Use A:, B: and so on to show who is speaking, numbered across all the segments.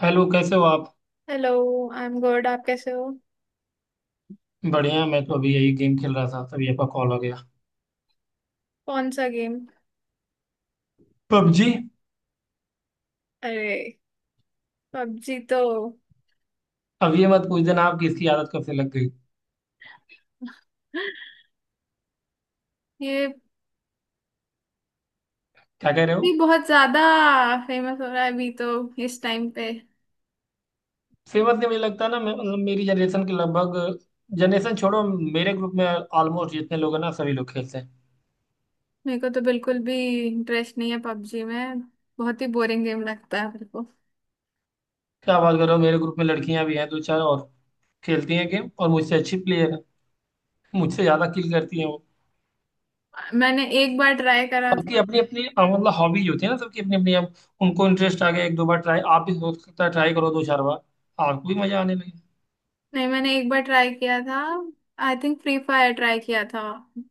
A: Hello, कैसे हो आप।
B: हेलो। आई एम गुड, आप कैसे हो।
A: बढ़िया, मैं तो अभी यही गेम खेल रहा था तभी आपका कॉल हो गया।
B: कौन सा गेम।
A: पबजी।
B: अरे पबजी तो
A: अब ये मत पूछ देना, आपकी इसकी आदत कब से लग गई।
B: ये
A: क्या कह रहे
B: भी
A: हो।
B: बहुत ज्यादा फेमस हो रहा है अभी तो, इस टाइम पे।
A: सेम बात नहीं, मुझे लगता है ना, मैं मतलब मेरी जनरेशन के लगभग, जनरेशन छोड़ो, मेरे ग्रुप में ऑलमोस्ट जितने लोग हैं ना, सभी लोग खेलते हैं।
B: मेरे को तो बिल्कुल भी इंटरेस्ट नहीं है पबजी में। बहुत ही बोरिंग गेम लगता है मेरे को।
A: क्या बात कर रहे हो, मेरे ग्रुप में लड़कियां भी हैं, दो चार, और खेलती हैं गेम, और मुझसे अच्छी प्लेयर है, मुझसे ज्यादा किल करती हैं वो।
B: मैंने एक बार ट्राई करा था।
A: बाकी अपनी अपनी मतलब हॉबीज होती है ना सबकी अपनी अपनी, अब उनको इंटरेस्ट आ गया, एक दो बार ट्राई, आप भी हो सकता है ट्राई करो दो चार बार आपको भी मजा आने लगे।
B: नहीं, मैंने एक बार ट्राई किया था। I think free fire try किया था।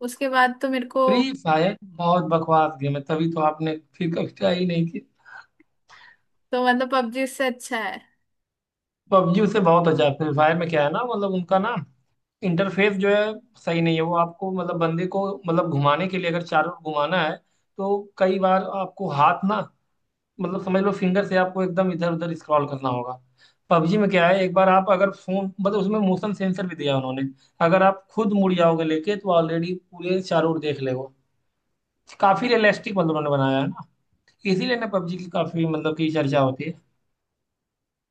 B: उसके बाद तो मेरे को,
A: फ्री फायर बहुत बकवास गेम है, तभी तो आपने फिर कभी ट्राई ही नहीं की।
B: तो मतलब पबजी इससे अच्छा है।
A: पबजी उसे बहुत अच्छा है, फ्री फायर में क्या है ना, मतलब उनका ना इंटरफेस जो है सही नहीं है, वो आपको मतलब बंदे को मतलब घुमाने के लिए अगर चारों ओर घुमाना है तो कई बार आपको हाथ ना, मतलब समझ लो फिंगर से आपको एकदम इधर उधर स्क्रॉल करना होगा। पबजी में क्या है, एक बार आप अगर फोन मतलब उसमें मोशन सेंसर भी दिया है उन्होंने, अगर आप खुद मुड़ जाओगे लेके तो ऑलरेडी पूरे चारों ओर देख लेगा। काफी रियलिस्टिक मतलब उन्होंने बनाया है ना, इसीलिए ना पबजी की काफी मतलब की चर्चा होती है।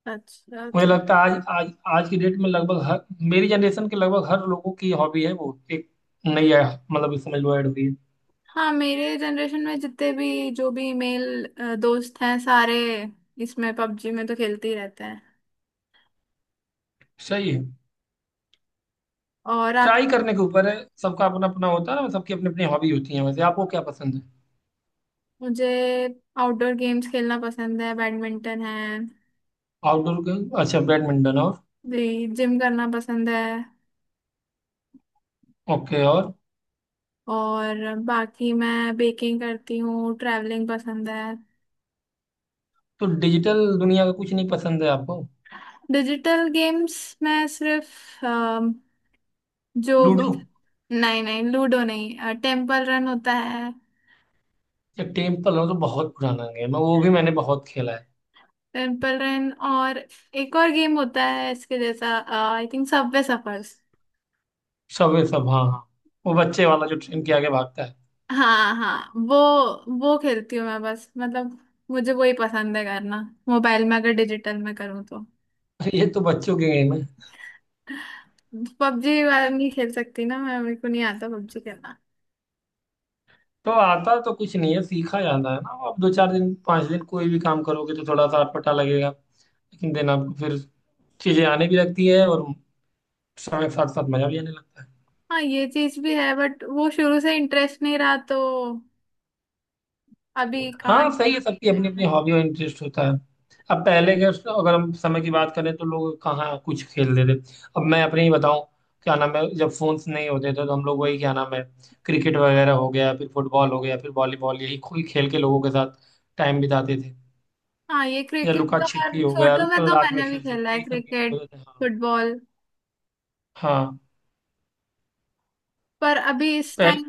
B: अच्छा
A: मुझे
B: तो
A: लगता है आज आज आज की डेट में लगभग हर, मेरी जनरेशन के लगभग हर लोगों की हॉबी है, वो एक नई है, मतलब समझ लो ऐड हुई है।
B: हाँ, मेरे जनरेशन में जितने भी जो भी मेल दोस्त हैं सारे इसमें पबजी में तो खेलते ही रहते हैं।
A: सही है।
B: और आप।
A: ट्राई करने के ऊपर है, सबका अपना अपना होता है ना, सबकी अपनी अपनी हॉबी होती है। वैसे आपको क्या पसंद है।
B: मुझे आउटडोर गेम्स खेलना पसंद है, बैडमिंटन है,
A: आउटडोर गेम, अच्छा, बैडमिंटन और?
B: जिम करना पसंद है।
A: ओके और?
B: और बाकी मैं बेकिंग करती हूँ, ट्रैवलिंग पसंद है।
A: तो डिजिटल दुनिया का कुछ नहीं पसंद है आपको।
B: डिजिटल गेम्स मैं सिर्फ जो,
A: लूडो?
B: नहीं नहीं लूडो नहीं, टेम्पल रन होता है।
A: या टेम्पल रन तो बहुत पुराना गेम है, वो भी मैंने बहुत खेला है।
B: टेम्पल रन और एक और गेम होता है इसके जैसा, I think subway surfers.
A: Subway सब, हाँ हाँ, वो बच्चे वाला जो ट्रेन के आगे भागता है।
B: हाँ हाँ, वो खेलती हूँ मैं बस, मतलब मुझे वही पसंद है करना। मोबाइल में अगर डिजिटल में करूँ तो।
A: ये तो बच्चों के गेम है।
B: पबजी वाला नहीं खेल सकती ना मैं, मेरे को नहीं आता पबजी खेलना।
A: तो आता तो कुछ नहीं है, सीखा जाता है ना, आप दो चार दिन पांच दिन कोई भी काम करोगे तो थोड़ा सा अटपटा लगेगा, लेकिन दिन आपको फिर चीजें आने भी लगती है, और समय के साथ साथ मजा भी आने लगता है।
B: हाँ ये चीज भी है, बट वो शुरू से इंटरेस्ट नहीं रहा तो अभी कहाँ
A: हाँ सही
B: interest
A: है, सबकी अपनी अपनी
B: रहेगा।
A: हॉबी और इंटरेस्ट होता है। अब पहले के, अगर हम समय की बात करें तो लोग कहाँ कुछ खेलते थे। अब मैं अपने ही बताऊं, क्या नाम है, जब फोन्स नहीं होते थे तो हम लोग वही क्या नाम है, क्रिकेट वगैरह हो गया, फिर फुटबॉल हो गया, फिर वॉलीबॉल, यही कोई खेल के लोगों के साथ टाइम बिताते थे,
B: हाँ, ये
A: या
B: क्रिकेट
A: लुका
B: तो मैं
A: छिपी हो गया,
B: छोटों में तो
A: रात में
B: मैंने भी
A: खेलते
B: खेला
A: थे,
B: है,
A: यही सब गेम
B: क्रिकेट,
A: होते थे। हाँ।
B: फुटबॉल।
A: हाँ,
B: पर अभी इस
A: पहले
B: टाइम।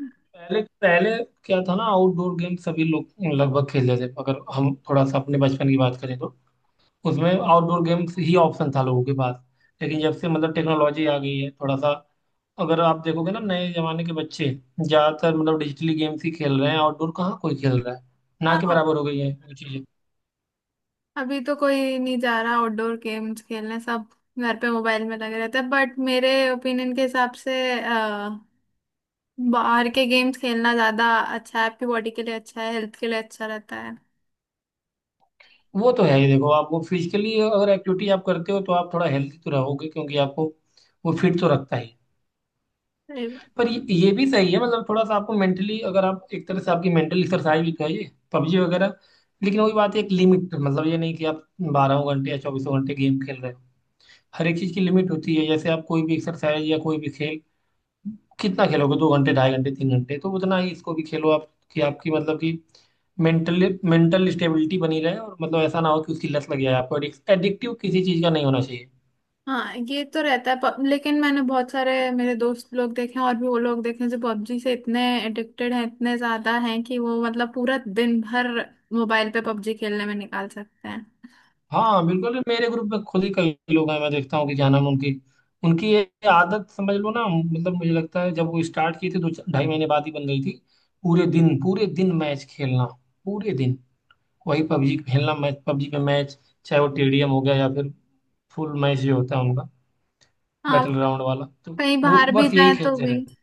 A: पहले पहले क्या था ना, आउटडोर गेम सभी लोग लगभग खेलते थे, अगर हम थोड़ा सा अपने बचपन की बात करें तो उसमें आउटडोर गेम्स ही ऑप्शन था लोगों के पास। लेकिन जब से मतलब टेक्नोलॉजी आ गई है थोड़ा सा, अगर आप देखोगे ना नए जमाने के बच्चे ज्यादातर मतलब डिजिटली गेम्स ही खेल रहे हैं, आउटडोर कहाँ कोई खेल रहा है, ना के
B: हाँ,
A: बराबर हो गई है वो चीजें।
B: अभी तो कोई नहीं जा रहा आउटडोर गेम्स खेलने, सब घर पे मोबाइल में लगे रहते हैं। बट मेरे ओपिनियन के हिसाब से अ, बाहर के गेम्स खेलना ज्यादा अच्छा है, आपकी बॉडी के लिए अच्छा है, हेल्थ के लिए अच्छा रहता है।
A: वो तो है ही, देखो आप वो फिजिकली अगर एक्टिविटी आप करते हो तो आप थोड़ा हेल्थी तो रहोगे, क्योंकि आपको वो फिट तो रखता ही।
B: सही
A: पर
B: बात।
A: ये भी सही है, मतलब थोड़ा सा आपको मेंटली, अगर आप एक तरह से आपकी मेंटल एक्सरसाइज भी करिए पबजी वगैरह, लेकिन वही बात है, एक लिमिट, मतलब ये नहीं कि आप 12 घंटे या चौबीसों घंटे गेम खेल रहे हो। हर एक चीज़ की लिमिट होती है, जैसे आप कोई भी एक्सरसाइज या कोई भी खेल कितना खेलोगे, दो घंटे ढाई घंटे तीन घंटे, तो उतना ही इसको भी खेलो आप, कि आपकी मतलब कि मेंटली मेंटल स्टेबिलिटी बनी रहे, और मतलब ऐसा ना हो कि उसकी लत लग जाए आपको, एडिक्टिव किसी चीज का नहीं होना चाहिए।
B: हाँ ये तो रहता है, लेकिन मैंने बहुत सारे मेरे दोस्त लोग देखे हैं, और भी वो लोग देखे हैं जो पबजी से इतने एडिक्टेड हैं, इतने ज्यादा हैं कि वो मतलब पूरा दिन भर मोबाइल पे पबजी खेलने में निकाल सकते हैं।
A: हाँ बिल्कुल, मेरे ग्रुप में खुद ही कई लोग हैं, मैं देखता हूँ कि क्या नाम है, उनकी उनकी ये आदत समझ लो ना, मतलब मुझे लगता है जब वो स्टार्ट की थी दो ढाई महीने बाद ही बन गई थी, पूरे दिन मैच खेलना, पूरे दिन वही पबजी खेलना, मैच पबजी पे मैच, चाहे वो टेडियम हो गया या फिर फुल मैच जो होता है उनका
B: हाँ,
A: बैटल ग्राउंड वाला तो
B: कहीं
A: वो
B: बाहर भी
A: बस
B: जाए
A: यही
B: तो
A: खेलते
B: भी।
A: रहते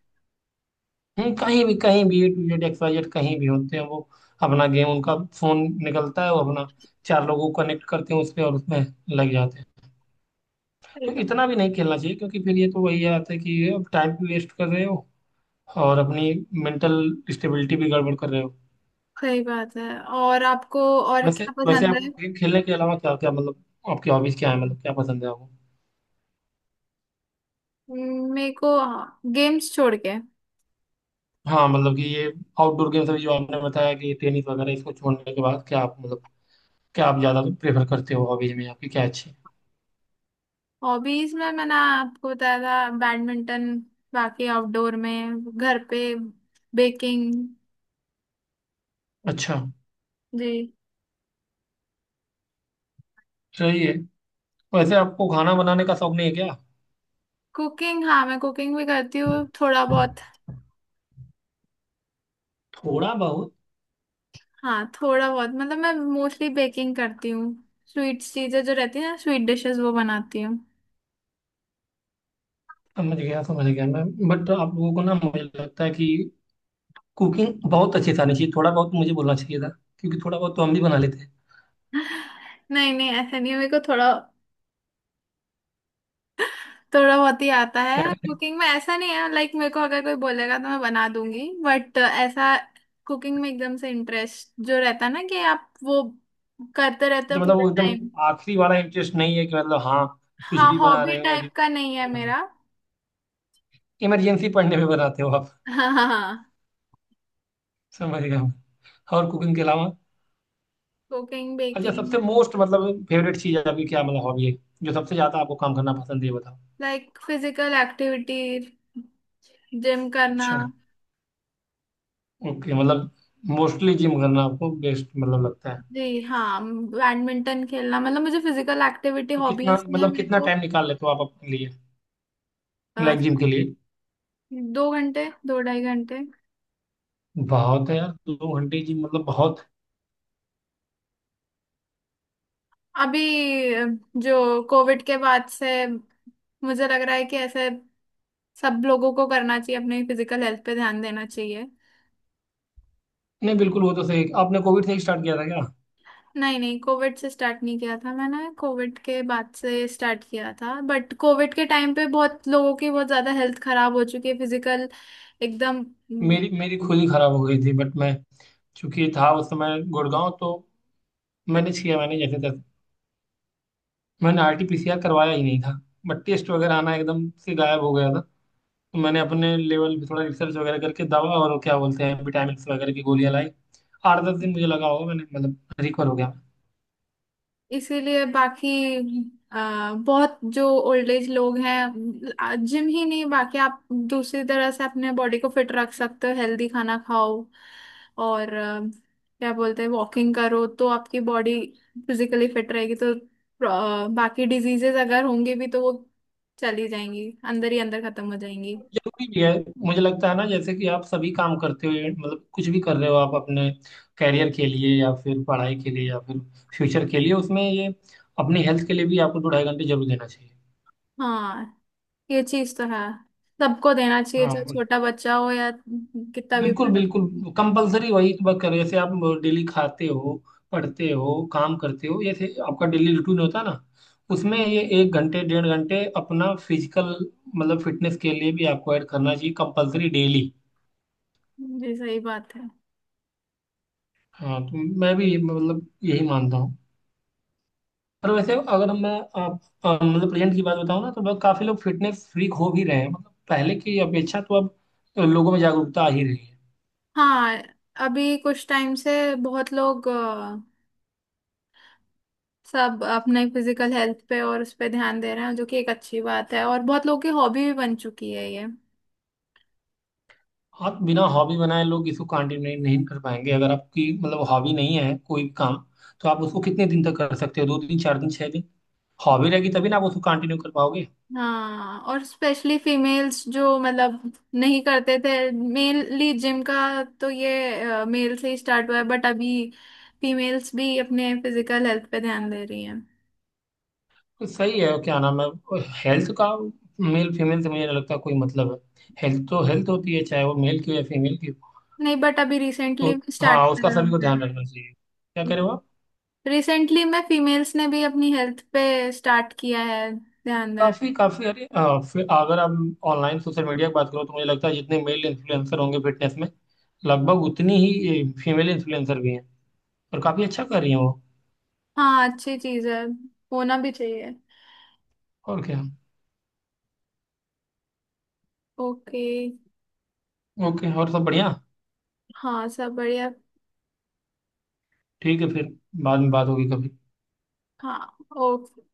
A: हैं। कहीं भी कहीं भी, A to Z, XYZ, कहीं भी होते हैं वो, अपना गेम उनका फोन निकलता है, वो अपना चार लोगों को कनेक्ट करते हैं उस पर और उसमें लग जाते हैं। तो इतना भी नहीं खेलना चाहिए क्योंकि फिर ये तो वही आता है कि अब टाइम भी वेस्ट कर रहे हो और अपनी मेंटल स्टेबिलिटी भी गड़बड़ कर रहे हो।
B: सही बात है। और आपको और
A: वैसे
B: क्या
A: वैसे
B: पसंद
A: आप
B: है।
A: गेम खेलने के अलावा क्या क्या, मतलब आपकी हॉबीज क्या है, मतलब क्या पसंद है आपको।
B: मेरे को गेम्स छोड़ के,
A: हाँ मतलब कि ये आउटडोर गेम्स अभी जो आपने बताया कि टेनिस वगैरह, इसको छोड़ने के बाद क्या आप मतलब क्या आप ज़्यादा प्रेफर करते हो, हॉबीज में आपकी क्या अच्छी।
B: हॉबीज में मैंने आपको बताया था बैडमिंटन, बाकी आउटडोर में, घर पे बेकिंग।
A: अच्छा,
B: जी।
A: सही है। वैसे आपको खाना बनाने का शौक नहीं है क्या।
B: कुकिंग, हाँ मैं कुकिंग भी करती हूँ थोड़ा बहुत।
A: थोड़ा बहुत।
B: हाँ थोड़ा बहुत, मतलब मैं मोस्टली बेकिंग करती हूँ। स्वीट चीजें जो रहती है ना, स्वीट डिशेस वो बनाती हूँ।
A: समझ गया मैं, बट आप लोगों को ना, मुझे लगता है कि कुकिंग बहुत अच्छी से आनी चाहिए, थोड़ा बहुत मुझे बोलना चाहिए था, क्योंकि थोड़ा बहुत तो हम भी बना लेते हैं।
B: नहीं नहीं, ऐसा नहीं है, मेरे को थोड़ा, थोड़ा बहुत ही आता
A: क्या
B: है
A: करें?
B: कुकिंग में, ऐसा नहीं है लाइक, मेरे को अगर कोई बोलेगा तो मैं बना दूंगी, बट ऐसा कुकिंग में एकदम से इंटरेस्ट जो रहता है ना कि आप वो करते रहते हो
A: अच्छा, मतलब
B: पूरे
A: वो एकदम
B: टाइम।
A: आखिरी वाला इंटरेस्ट नहीं है कि मतलब, हाँ, कुछ
B: हाँ,
A: भी बना
B: हॉबी
A: रहे हो या फिर
B: टाइप का नहीं है
A: बना,
B: मेरा।
A: इमरजेंसी पड़ने पे बनाते हो आप।
B: हाँ हाँ हाँ।
A: समझ गया मैं। और कुकिंग के अलावा,
B: कुकिंग
A: अच्छा
B: बेकिंग।
A: सबसे मोस्ट मतलब फेवरेट चीज आपकी क्या मतलब हॉबी है, जो सबसे ज्यादा आपको काम करना पसंद है, ये बताओ।
B: लाइक फिजिकल एक्टिविटी, जिम करना।
A: अच्छा, ओके, मतलब मोस्टली जिम करना आपको बेस्ट मतलब लगता है।
B: जी हाँ, बैडमिंटन खेलना, मतलब मुझे फिजिकल एक्टिविटी
A: तो कितना
B: हॉबीज में
A: मतलब
B: मेरे
A: कितना
B: को।
A: टाइम निकाल लेते हो आप अपने लिए,
B: अ,
A: लाइक जिम के लिए।
B: दो घंटे, दो ढाई घंटे।
A: बहुत है यार, दो घंटे जिम मतलब बहुत।
B: अभी जो कोविड के बाद से मुझे लग रहा है कि ऐसे सब लोगों को करना चाहिए, अपने फिजिकल हेल्थ पे ध्यान देना चाहिए।
A: नहीं बिल्कुल, वो तो सही, आपने कोविड से ही स्टार्ट किया था क्या।
B: नहीं नहीं, कोविड से स्टार्ट नहीं किया था मैंने, कोविड के बाद से स्टार्ट किया था। बट कोविड के टाइम पे बहुत लोगों की बहुत ज्यादा हेल्थ खराब हो चुकी है, फिजिकल एकदम।
A: मेरी मेरी खुद ही खराब हो गई थी, बट मैं चूंकि था उस समय गुड़गांव तो मैनेज किया मैंने जैसे तैसे, मैंने RTPCR करवाया ही नहीं था, बट टेस्ट वगैरह आना एकदम से गायब हो गया था, तो मैंने अपने लेवल पे थोड़ा रिसर्च वगैरह करके दवा और क्या बोलते हैं विटामिन वगैरह की गोलियां लाई, आठ दस दिन मुझे लगा होगा, मैंने मतलब रिकवर हो गया।
B: इसीलिए बाकी बहुत जो ओल्ड एज लोग हैं, जिम ही नहीं, बाकी आप दूसरी तरह से अपने बॉडी को फिट रख सकते हो। हेल्दी खाना खाओ और क्या बोलते हैं वॉकिंग करो तो आपकी बॉडी फिजिकली फिट रहेगी। तो बाकी डिजीजेस अगर होंगे भी तो वो चली जाएंगी, अंदर ही अंदर खत्म हो जाएंगी।
A: जरूरी भी है, मुझे लगता है ना, जैसे कि आप सभी काम करते हो, मतलब कुछ भी कर रहे हो आप अपने कैरियर के लिए, या फिर पढ़ाई के लिए, या फिर फ्यूचर के लिए, उसमें ये अपनी हेल्थ के लिए भी आपको दो ढाई घंटे जरूर देना चाहिए।
B: हाँ ये चीज तो है, सबको देना चाहिए, चाहे
A: हाँ
B: छोटा बच्चा हो या कितना भी
A: बिल्कुल
B: बड़ा।
A: बिल्कुल कंपलसरी, वही वर्क करो जैसे आप डेली खाते हो, पढ़ते हो, काम करते हो, जैसे आपका डेली रूटीन होता है ना, उसमें ये एक घंटे डेढ़ घंटे अपना फिजिकल मतलब फिटनेस के लिए भी आपको ऐड करना चाहिए कंपलसरी डेली।
B: जी सही बात है।
A: हाँ तो मैं भी मतलब यही मानता हूँ, पर वैसे अगर मैं आप मतलब प्रेजेंट की बात बताऊँ ना, तो बहुत काफी लोग फिटनेस फ्रीक हो भी रहे हैं, मतलब पहले की अपेक्षा तो अब लोगों में जागरूकता आ ही रही है।
B: हाँ, अभी कुछ टाइम से बहुत लोग सब अपने फिजिकल हेल्थ पे और उस पे ध्यान दे रहे हैं, जो कि एक अच्छी बात है, और बहुत लोगों की हॉबी भी बन चुकी है ये।
A: आप बिना हॉबी बनाए लोग इसको कंटिन्यू नहीं, नहीं कर पाएंगे, अगर आपकी मतलब हॉबी नहीं है कोई भी काम तो आप उसको कितने दिन तक कर सकते हो, दो दिन चार दिन छह दिन, हॉबी रहेगी तभी ना आप उसको कंटिन्यू कर पाओगे।
B: हाँ, और स्पेशली फीमेल्स जो मतलब नहीं करते थे मेनली जिम का, तो ये मेल से ही स्टार्ट हुआ है, बट अभी फीमेल्स भी अपने फिजिकल हेल्थ पे ध्यान दे रही हैं।
A: तो सही है, क्या नाम है, हेल्थ का मेल फीमेल से मुझे नहीं लगता कोई मतलब है, हेल्थ तो हेल्थ होती है चाहे वो मेल की हो या फीमेल की हो।
B: नहीं, बट अभी
A: तो
B: रिसेंटली स्टार्ट
A: हाँ, उसका
B: करा
A: सभी को ध्यान रखना चाहिए, क्या
B: है।
A: करें वो।
B: रिसेंटली मैं फीमेल्स ने भी अपनी हेल्थ पे स्टार्ट किया है ध्यान देना।
A: काफी काफी, अरे फिर अगर आप ऑनलाइन सोशल मीडिया की बात करो तो मुझे लगता है जितने मेल इन्फ्लुएंसर होंगे फिटनेस में लगभग उतनी ही फीमेल इन्फ्लुएंसर भी हैं, और काफी अच्छा कर रही हैं वो।
B: हाँ अच्छी चीज है, होना भी चाहिए।
A: और क्या,
B: ओके।
A: ओके और, सब बढ़िया।
B: हाँ सब बढ़िया।
A: ठीक है फिर, बाद में बात होगी कभी।
B: हाँ ओके।